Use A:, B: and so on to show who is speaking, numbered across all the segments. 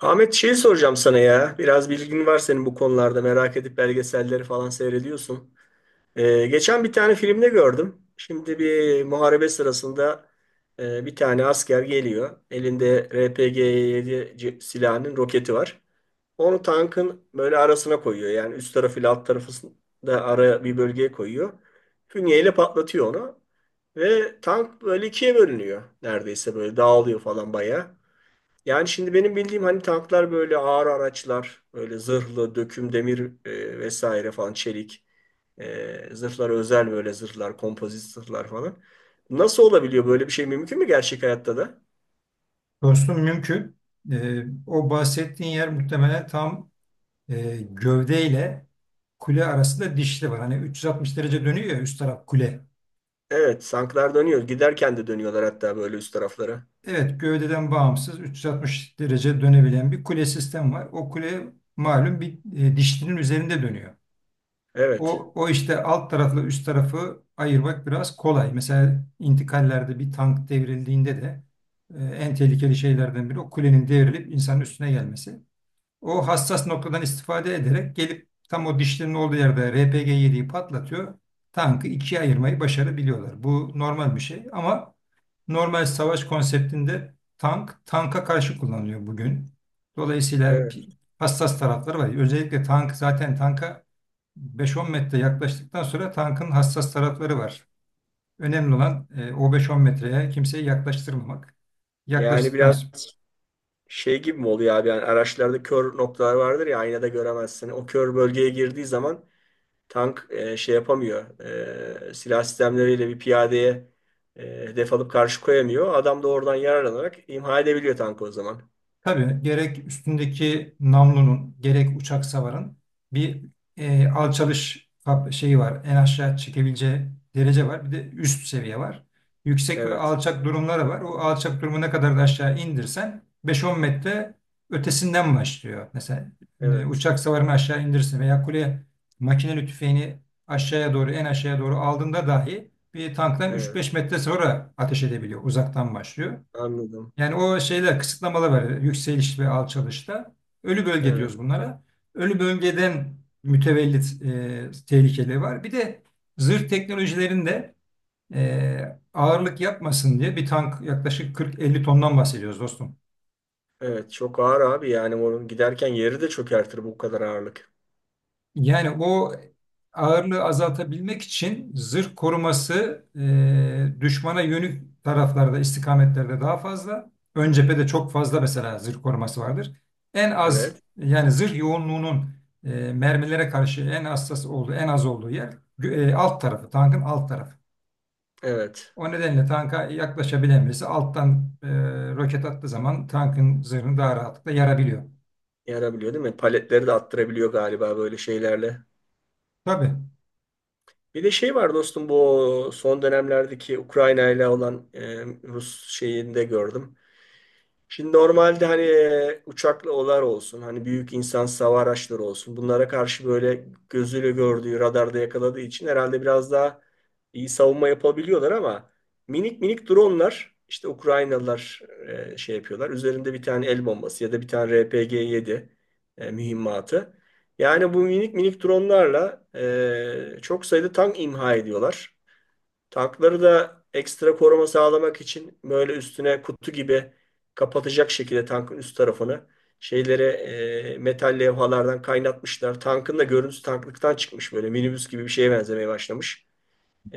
A: Ahmet şeyi soracağım sana ya. Biraz bilgin var senin bu konularda. Merak edip belgeselleri falan seyrediyorsun. Geçen bir tane filmde gördüm. Şimdi bir muharebe sırasında bir tane asker geliyor. Elinde RPG-7 silahının roketi var. Onu tankın böyle arasına koyuyor. Yani üst tarafı ile alt tarafını da ara bir bölgeye koyuyor. Fünyeyle patlatıyor onu. Ve tank böyle ikiye bölünüyor. Neredeyse böyle dağılıyor falan bayağı. Yani şimdi benim bildiğim hani tanklar böyle ağır araçlar, böyle zırhlı, döküm demir vesaire falan çelik zırhlar özel böyle zırhlar, kompozit zırhlar falan. Nasıl olabiliyor böyle bir şey mümkün mü gerçek hayatta da?
B: Dostum mümkün. O bahsettiğin yer muhtemelen tam gövdeyle kule arasında dişli var. Hani 360 derece dönüyor ya üst taraf kule.
A: Evet, tanklar dönüyor. Giderken de dönüyorlar hatta böyle üst taraflara.
B: Evet gövdeden bağımsız 360 derece dönebilen bir kule sistem var. O kule malum bir dişlinin üzerinde dönüyor.
A: Evet.
B: O işte alt tarafla üst tarafı ayırmak biraz kolay. Mesela intikallerde bir tank devrildiğinde de en tehlikeli şeylerden biri o kulenin devrilip insanın üstüne gelmesi. O hassas noktadan istifade ederek gelip tam o dişlerin olduğu yerde RPG-7'yi patlatıyor. Tankı ikiye ayırmayı başarabiliyorlar. Bu normal bir şey ama normal savaş konseptinde tank tanka karşı kullanılıyor bugün. Dolayısıyla
A: Evet.
B: hassas tarafları var. Özellikle tank zaten tanka 5-10 metre yaklaştıktan sonra tankın hassas tarafları var. Önemli olan o 5-10 metreye kimseyi yaklaştırmamak.
A: Yani
B: Yaklaştıktan
A: biraz şey gibi mi oluyor abi? Yani araçlarda kör noktalar vardır ya aynada göremezsin. O kör bölgeye girdiği zaman tank şey yapamıyor. Silah sistemleriyle bir piyadeye e, hedef alıp karşı koyamıyor. Adam da oradan yararlanarak imha edebiliyor tankı o zaman.
B: tabii gerek üstündeki namlunun gerek uçak savarın bir alçalış şeyi var. En aşağı çekebileceği derece var. Bir de üst seviye var. Yüksek ve
A: Evet,
B: alçak durumları var. O alçak durumu ne kadar da aşağı indirsen 5-10 metre ötesinden başlıyor. Mesela
A: evet,
B: uçak savarını aşağı indirsin veya kule makineli tüfeğini aşağıya doğru en aşağıya doğru aldığında dahi bir tanktan
A: evet.
B: 3-5 metre sonra ateş edebiliyor. Uzaktan başlıyor.
A: Anladım.
B: Yani o şeyler kısıtlamalar var. Yükseliş ve alçalışta. Ölü bölge
A: Evet,
B: diyoruz bunlara. Ölü bölgeden mütevellit tehlikeleri var. Bir de zırh teknolojilerinde ağırlık yapmasın diye bir tank yaklaşık 40-50 tondan bahsediyoruz dostum.
A: evet. Çok ağır abi yani onun giderken yeri de çökertir bu kadar ağırlık.
B: Yani o ağırlığı azaltabilmek için zırh koruması düşmana yönük taraflarda, istikametlerde daha fazla. Ön cephede çok fazla mesela zırh koruması vardır. En az
A: Evet,
B: yani zırh yoğunluğunun mermilere karşı en hassas olduğu, en az olduğu yer alt tarafı, tankın alt tarafı.
A: evet.
B: O nedenle tanka yaklaşabilen birisi alttan roket attığı zaman tankın zırhını daha rahatlıkla yarabiliyor.
A: Yarabiliyor değil mi? Paletleri de attırabiliyor galiba böyle şeylerle.
B: Tabii,
A: Bir de şey var dostum bu son dönemlerdeki Ukrayna ile olan Rus şeyinde gördüm. Şimdi normalde hani uçaklı olar olsun, hani büyük insansız hava araçları olsun. Bunlara karşı böyle gözüyle gördüğü, radarda yakaladığı için herhalde biraz daha iyi savunma yapabiliyorlar ama minik minik dronlar işte Ukraynalılar şey yapıyorlar. Üzerinde bir tane el bombası ya da bir tane RPG-7 mühimmatı. Yani bu minik minik dronlarla çok sayıda tank imha ediyorlar. Tankları da ekstra koruma sağlamak için böyle üstüne kutu gibi kapatacak şekilde tankın üst tarafını şeyleri metal levhalardan kaynatmışlar. Tankın da görüntüsü tanklıktan çıkmış böyle minibüs gibi bir şeye benzemeye başlamış.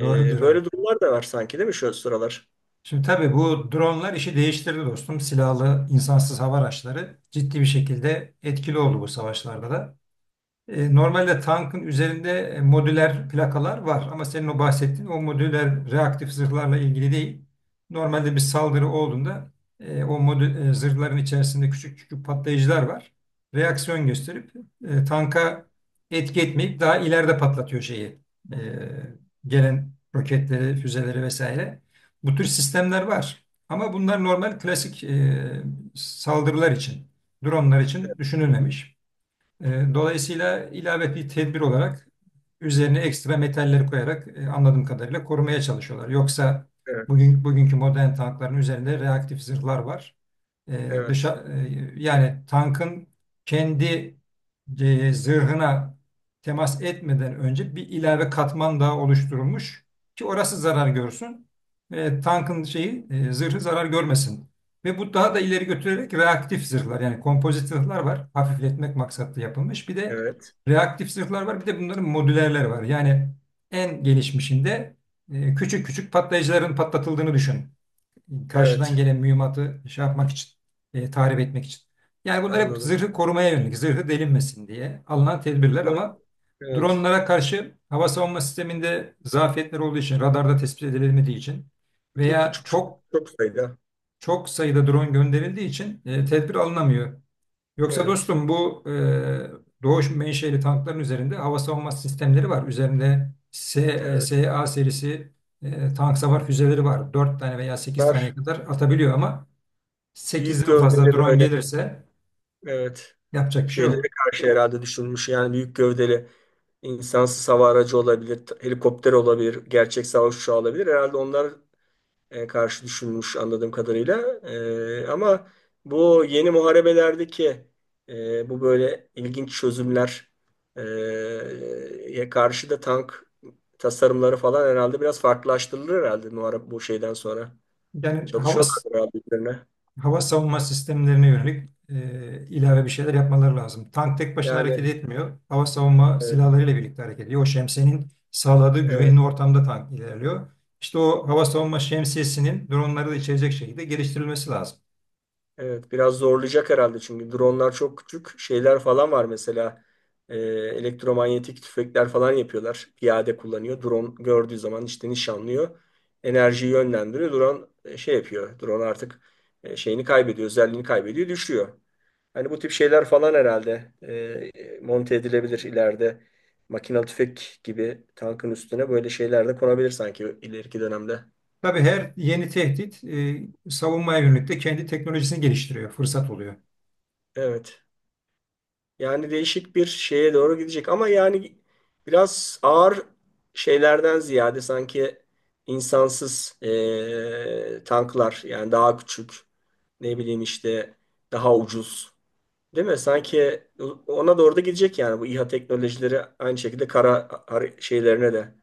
B: doğrudur. Evet.
A: Böyle durumlar da var sanki değil mi şu sıralar?
B: Şimdi tabii bu dronlar işi değiştirdi dostum. Silahlı insansız hava araçları ciddi bir şekilde etkili oldu bu savaşlarda da. Normalde tankın üzerinde modüler plakalar var ama senin o bahsettiğin o modüler reaktif zırhlarla ilgili değil. Normalde bir saldırı olduğunda o zırhların içerisinde küçük küçük patlayıcılar var. Reaksiyon gösterip tanka etki etmeyip daha ileride patlatıyor şeyi. E, Gelen roketleri, füzeleri vesaire. Bu tür sistemler var. Ama bunlar normal klasik saldırılar için, dronlar için düşünülmemiş. Dolayısıyla ilave bir tedbir olarak üzerine ekstra metalleri koyarak anladığım kadarıyla korumaya çalışıyorlar. Yoksa
A: Evet,
B: bugünkü modern tankların üzerinde reaktif zırhlar var.
A: evet,
B: Yani tankın kendi zırhına temas etmeden önce bir ilave katman daha oluşturulmuş ki orası zarar görsün. Tankın zırhı zarar görmesin. Ve bu daha da ileri götürerek reaktif zırhlar yani kompozit zırhlar var. Hafifletmek maksatlı yapılmış. Bir de
A: evet,
B: reaktif zırhlar var. Bir de bunların modülerleri var. Yani en gelişmişinde küçük küçük patlayıcıların patlatıldığını düşün karşıdan
A: evet.
B: gelen mühimmatı şey yapmak için, tahrip etmek için. Yani bunlar hep
A: Anladım.
B: zırhı korumaya yönelik, zırhı delinmesin diye alınan tedbirler
A: Ama
B: ama
A: evet,
B: dronlara karşı hava savunma sisteminde zafiyetler olduğu için, radarda tespit edilemediği için
A: küçük
B: veya
A: küçük
B: çok
A: çok sayıda.
B: çok sayıda drone gönderildiği için tedbir alınamıyor. Yoksa
A: Evet,
B: dostum bu Doğuş menşeli tankların üzerinde hava savunma sistemleri var. Üzerinde
A: evet.
B: SA serisi tank savar füzeleri var. 4 tane veya 8 taneye
A: Bunlar
B: kadar atabiliyor ama
A: büyük
B: 8'den fazla
A: gövdeli
B: drone
A: böyle,
B: gelirse
A: evet,
B: yapacak bir şey
A: şeylere
B: yok.
A: karşı herhalde düşünmüş yani büyük gövdeli insansız hava aracı olabilir, helikopter olabilir, gerçek savaş uçağı olabilir. Herhalde onlar karşı düşünmüş anladığım kadarıyla. Ama bu yeni muharebelerdeki bu böyle ilginç çözümler e, ya karşı da tank tasarımları falan herhalde biraz farklılaştırılır herhalde muharebe bu şeyden sonra.
B: Yani hava
A: Çalışıyorlar herhalde üzerine.
B: hava savunma sistemlerine yönelik ilave bir şeyler yapmaları lazım. Tank tek başına
A: Yani
B: hareket etmiyor. Hava savunma
A: evet.
B: silahlarıyla birlikte hareket ediyor. O şemsiyenin sağladığı
A: Evet.
B: güvenli ortamda tank ilerliyor. İşte o hava savunma şemsiyesinin dronları da içerecek şekilde geliştirilmesi lazım.
A: Evet, biraz zorlayacak herhalde çünkü dronlar çok küçük şeyler falan var mesela. Elektromanyetik tüfekler falan yapıyorlar. Piyade kullanıyor. Drone gördüğü zaman işte nişanlıyor. Enerjiyi yönlendiriyor. Drone şey yapıyor. Drone artık şeyini kaybediyor, özelliğini kaybediyor, düşüyor. Hani bu tip şeyler falan herhalde monte edilebilir ileride. Makinalı tüfek gibi tankın üstüne böyle şeyler de konabilir sanki ileriki dönemde.
B: Tabii her yeni tehdit savunmaya yönelik de kendi teknolojisini geliştiriyor, fırsat oluyor.
A: Evet. Yani değişik bir şeye doğru gidecek ama yani biraz ağır şeylerden ziyade sanki insansız tanklar yani daha küçük, ne bileyim işte, daha ucuz değil mi? Sanki ona doğru da gidecek yani bu İHA teknolojileri aynı şekilde kara şeylerine de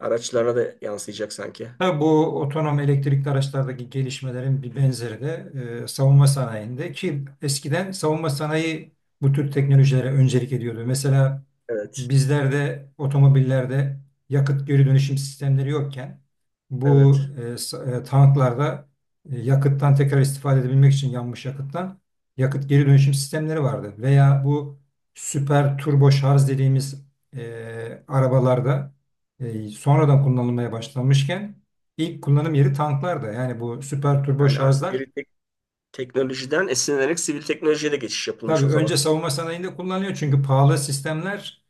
A: araçlarına da yansıyacak sanki.
B: Ha, bu otonom elektrikli araçlardaki gelişmelerin bir benzeri de savunma sanayinde ki eskiden savunma sanayi bu tür teknolojilere öncelik ediyordu. Mesela
A: Evet,
B: bizlerde otomobillerde yakıt geri dönüşüm sistemleri yokken bu
A: evet.
B: tanklarda yakıttan tekrar istifade edebilmek için yanmış yakıttan yakıt geri dönüşüm sistemleri vardı. Veya bu süper turbo şarj dediğimiz arabalarda sonradan kullanılmaya başlanmışken İlk kullanım yeri tanklarda. Yani bu süper turbo
A: Yani
B: şarjlar
A: askeri teknolojiden esinlenerek sivil teknolojiye de geçiş yapılmış
B: tabii
A: o
B: önce
A: zaman.
B: savunma sanayinde kullanılıyor çünkü pahalı sistemler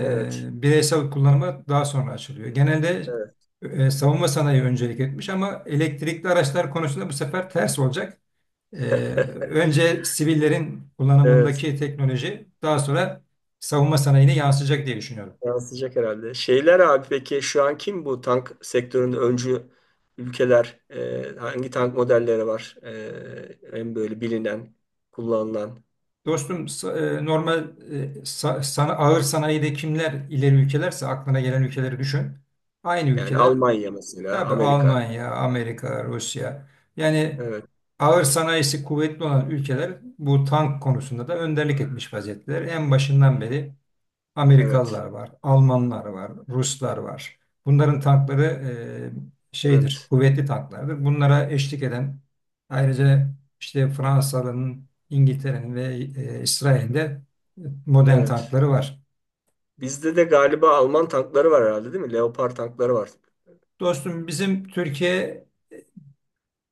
A: Evet,
B: bireysel kullanıma daha sonra açılıyor. Genelde
A: evet.
B: savunma sanayi öncelik etmiş ama elektrikli araçlar konusunda bu sefer ters olacak. E, Önce sivillerin
A: Evet.
B: kullanımındaki teknoloji daha sonra savunma sanayine yansıyacak diye düşünüyorum.
A: Yansıyacak herhalde. Şeyler abi peki şu an kim bu tank sektöründe öncü ülkeler? Hangi tank modelleri var? En böyle bilinen, kullanılan.
B: Dostum normal ağır sanayide kimler ileri ülkelerse aklına gelen ülkeleri düşün. Aynı
A: Yani
B: ülkeler.
A: Almanya mesela,
B: Tabii
A: Amerika.
B: Almanya, Amerika, Rusya. Yani
A: Evet,
B: ağır sanayisi kuvvetli olan ülkeler bu tank konusunda da önderlik etmiş vaziyetteler. En başından beri
A: evet,
B: Amerikalılar var, Almanlar var, Ruslar var. Bunların tankları şeydir,
A: evet,
B: kuvvetli tanklardır. Bunlara eşlik eden ayrıca işte Fransa'nın, İngiltere'nin ve İsrail'in de modern
A: evet.
B: tankları var.
A: Bizde de galiba Alman tankları var herhalde değil mi? Leopard tankları var.
B: Dostum bizim Türkiye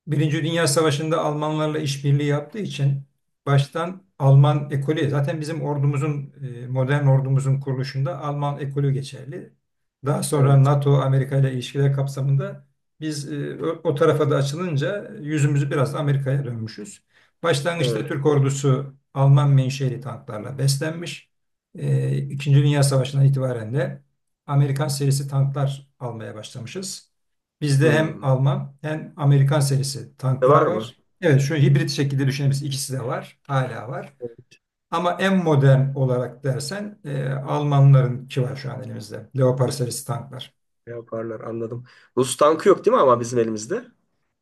B: Birinci Dünya Savaşı'nda Almanlarla işbirliği yaptığı için baştan Alman ekolü zaten modern ordumuzun kuruluşunda Alman ekolü geçerli. Daha sonra
A: Evet,
B: NATO Amerika ile ilişkiler kapsamında biz o tarafa da açılınca yüzümüzü biraz da Amerika'ya dönmüşüz. Başlangıçta
A: evet.
B: Türk ordusu Alman menşeli tanklarla beslenmiş. İkinci Dünya Savaşı'ndan itibaren de Amerikan serisi tanklar almaya başlamışız. Bizde hem
A: Hmm.
B: Alman hem Amerikan serisi
A: De
B: tanklar
A: var mı?
B: var. Evet şu hibrit şekilde düşünebiliriz. İkisi de var. Hala var.
A: Evet,
B: Ama en modern olarak dersen Almanlarınki var şu an elimizde. Leopard serisi tanklar.
A: Leopardlar, anladım. Rus tankı yok değil mi ama bizim elimizde?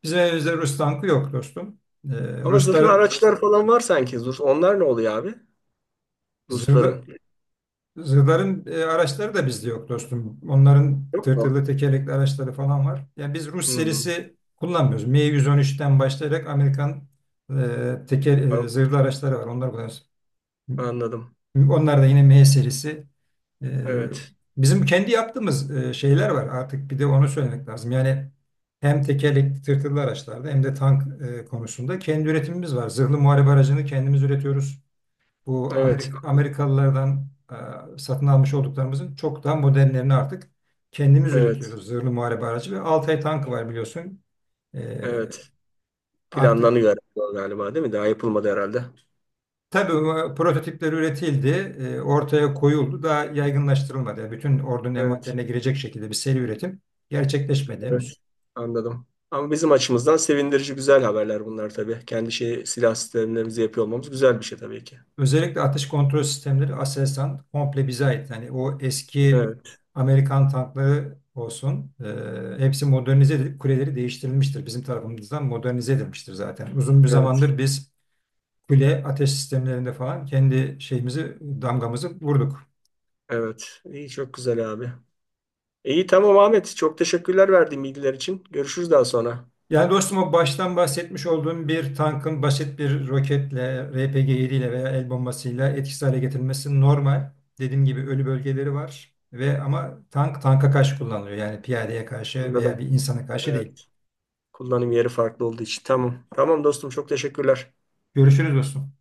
B: Bizim elimizde Rus tankı yok dostum. E,
A: Ama zırhlı
B: Rusların
A: araçlar falan var sanki. Rus, onlar ne oluyor abi?
B: zırhlı,
A: Rusların.
B: zırhların araçları da bizde yok dostum. Onların
A: Yok mu?
B: tırtırlı tekerlekli araçları falan var. Yani biz Rus
A: Hmm,
B: serisi kullanmıyoruz. M113'ten başlayarak Amerikan
A: an-
B: zırhlı araçları var. Onlar kullanıyoruz.
A: anladım.
B: Onlar da yine M serisi. Ee,
A: Evet.
B: Bizim kendi yaptığımız şeyler var artık bir de onu söylemek lazım. Yani hem tekerlekli tırtıklı araçlarda hem de tank konusunda kendi üretimimiz var. Zırhlı muharebe aracını kendimiz üretiyoruz. Bu
A: Evet.
B: Amerikalılardan satın almış olduklarımızın çok daha modernlerini artık kendimiz
A: Evet.
B: üretiyoruz. Zırhlı muharebe aracı ve Altay tankı var biliyorsun. Ee,
A: Evet.
B: artık
A: Planlanıyor herhalde galiba değil mi? Daha yapılmadı herhalde.
B: Tabii bu prototipler üretildi, ortaya koyuldu, daha yaygınlaştırılmadı. Yani bütün ordunun
A: Evet.
B: envanterine girecek şekilde bir seri üretim gerçekleşmedi
A: Evet.
B: henüz.
A: Anladım. Ama bizim açımızdan sevindirici güzel haberler bunlar tabii. Kendi şey, silah sistemlerimizi yapıyor olmamız güzel bir şey tabii ki.
B: Özellikle atış kontrol sistemleri Aselsan komple bize ait. Yani o eski
A: Evet.
B: Amerikan tankları olsun, hepsi modernize edilip kuleleri değiştirilmiştir. Bizim tarafımızdan modernize edilmiştir zaten. Uzun bir
A: Evet.
B: zamandır biz kule ateş sistemlerinde falan kendi şeyimizi, damgamızı vurduk.
A: Evet. İyi çok güzel abi. İyi tamam Ahmet. Çok teşekkürler verdiğin bilgiler için. Görüşürüz daha sonra.
B: Yani dostum o baştan bahsetmiş olduğum bir tankın basit bir roketle, RPG-7 ile veya el bombasıyla etkisiz hale getirilmesi normal. Dediğim gibi ölü bölgeleri var ve ama tank tanka karşı kullanılıyor. Yani piyadeye karşı veya bir
A: Anladım.
B: insana karşı
A: Evet.
B: değil.
A: Kullanım yeri farklı olduğu için. Tamam. Tamam dostum çok teşekkürler.
B: Görüşürüz dostum.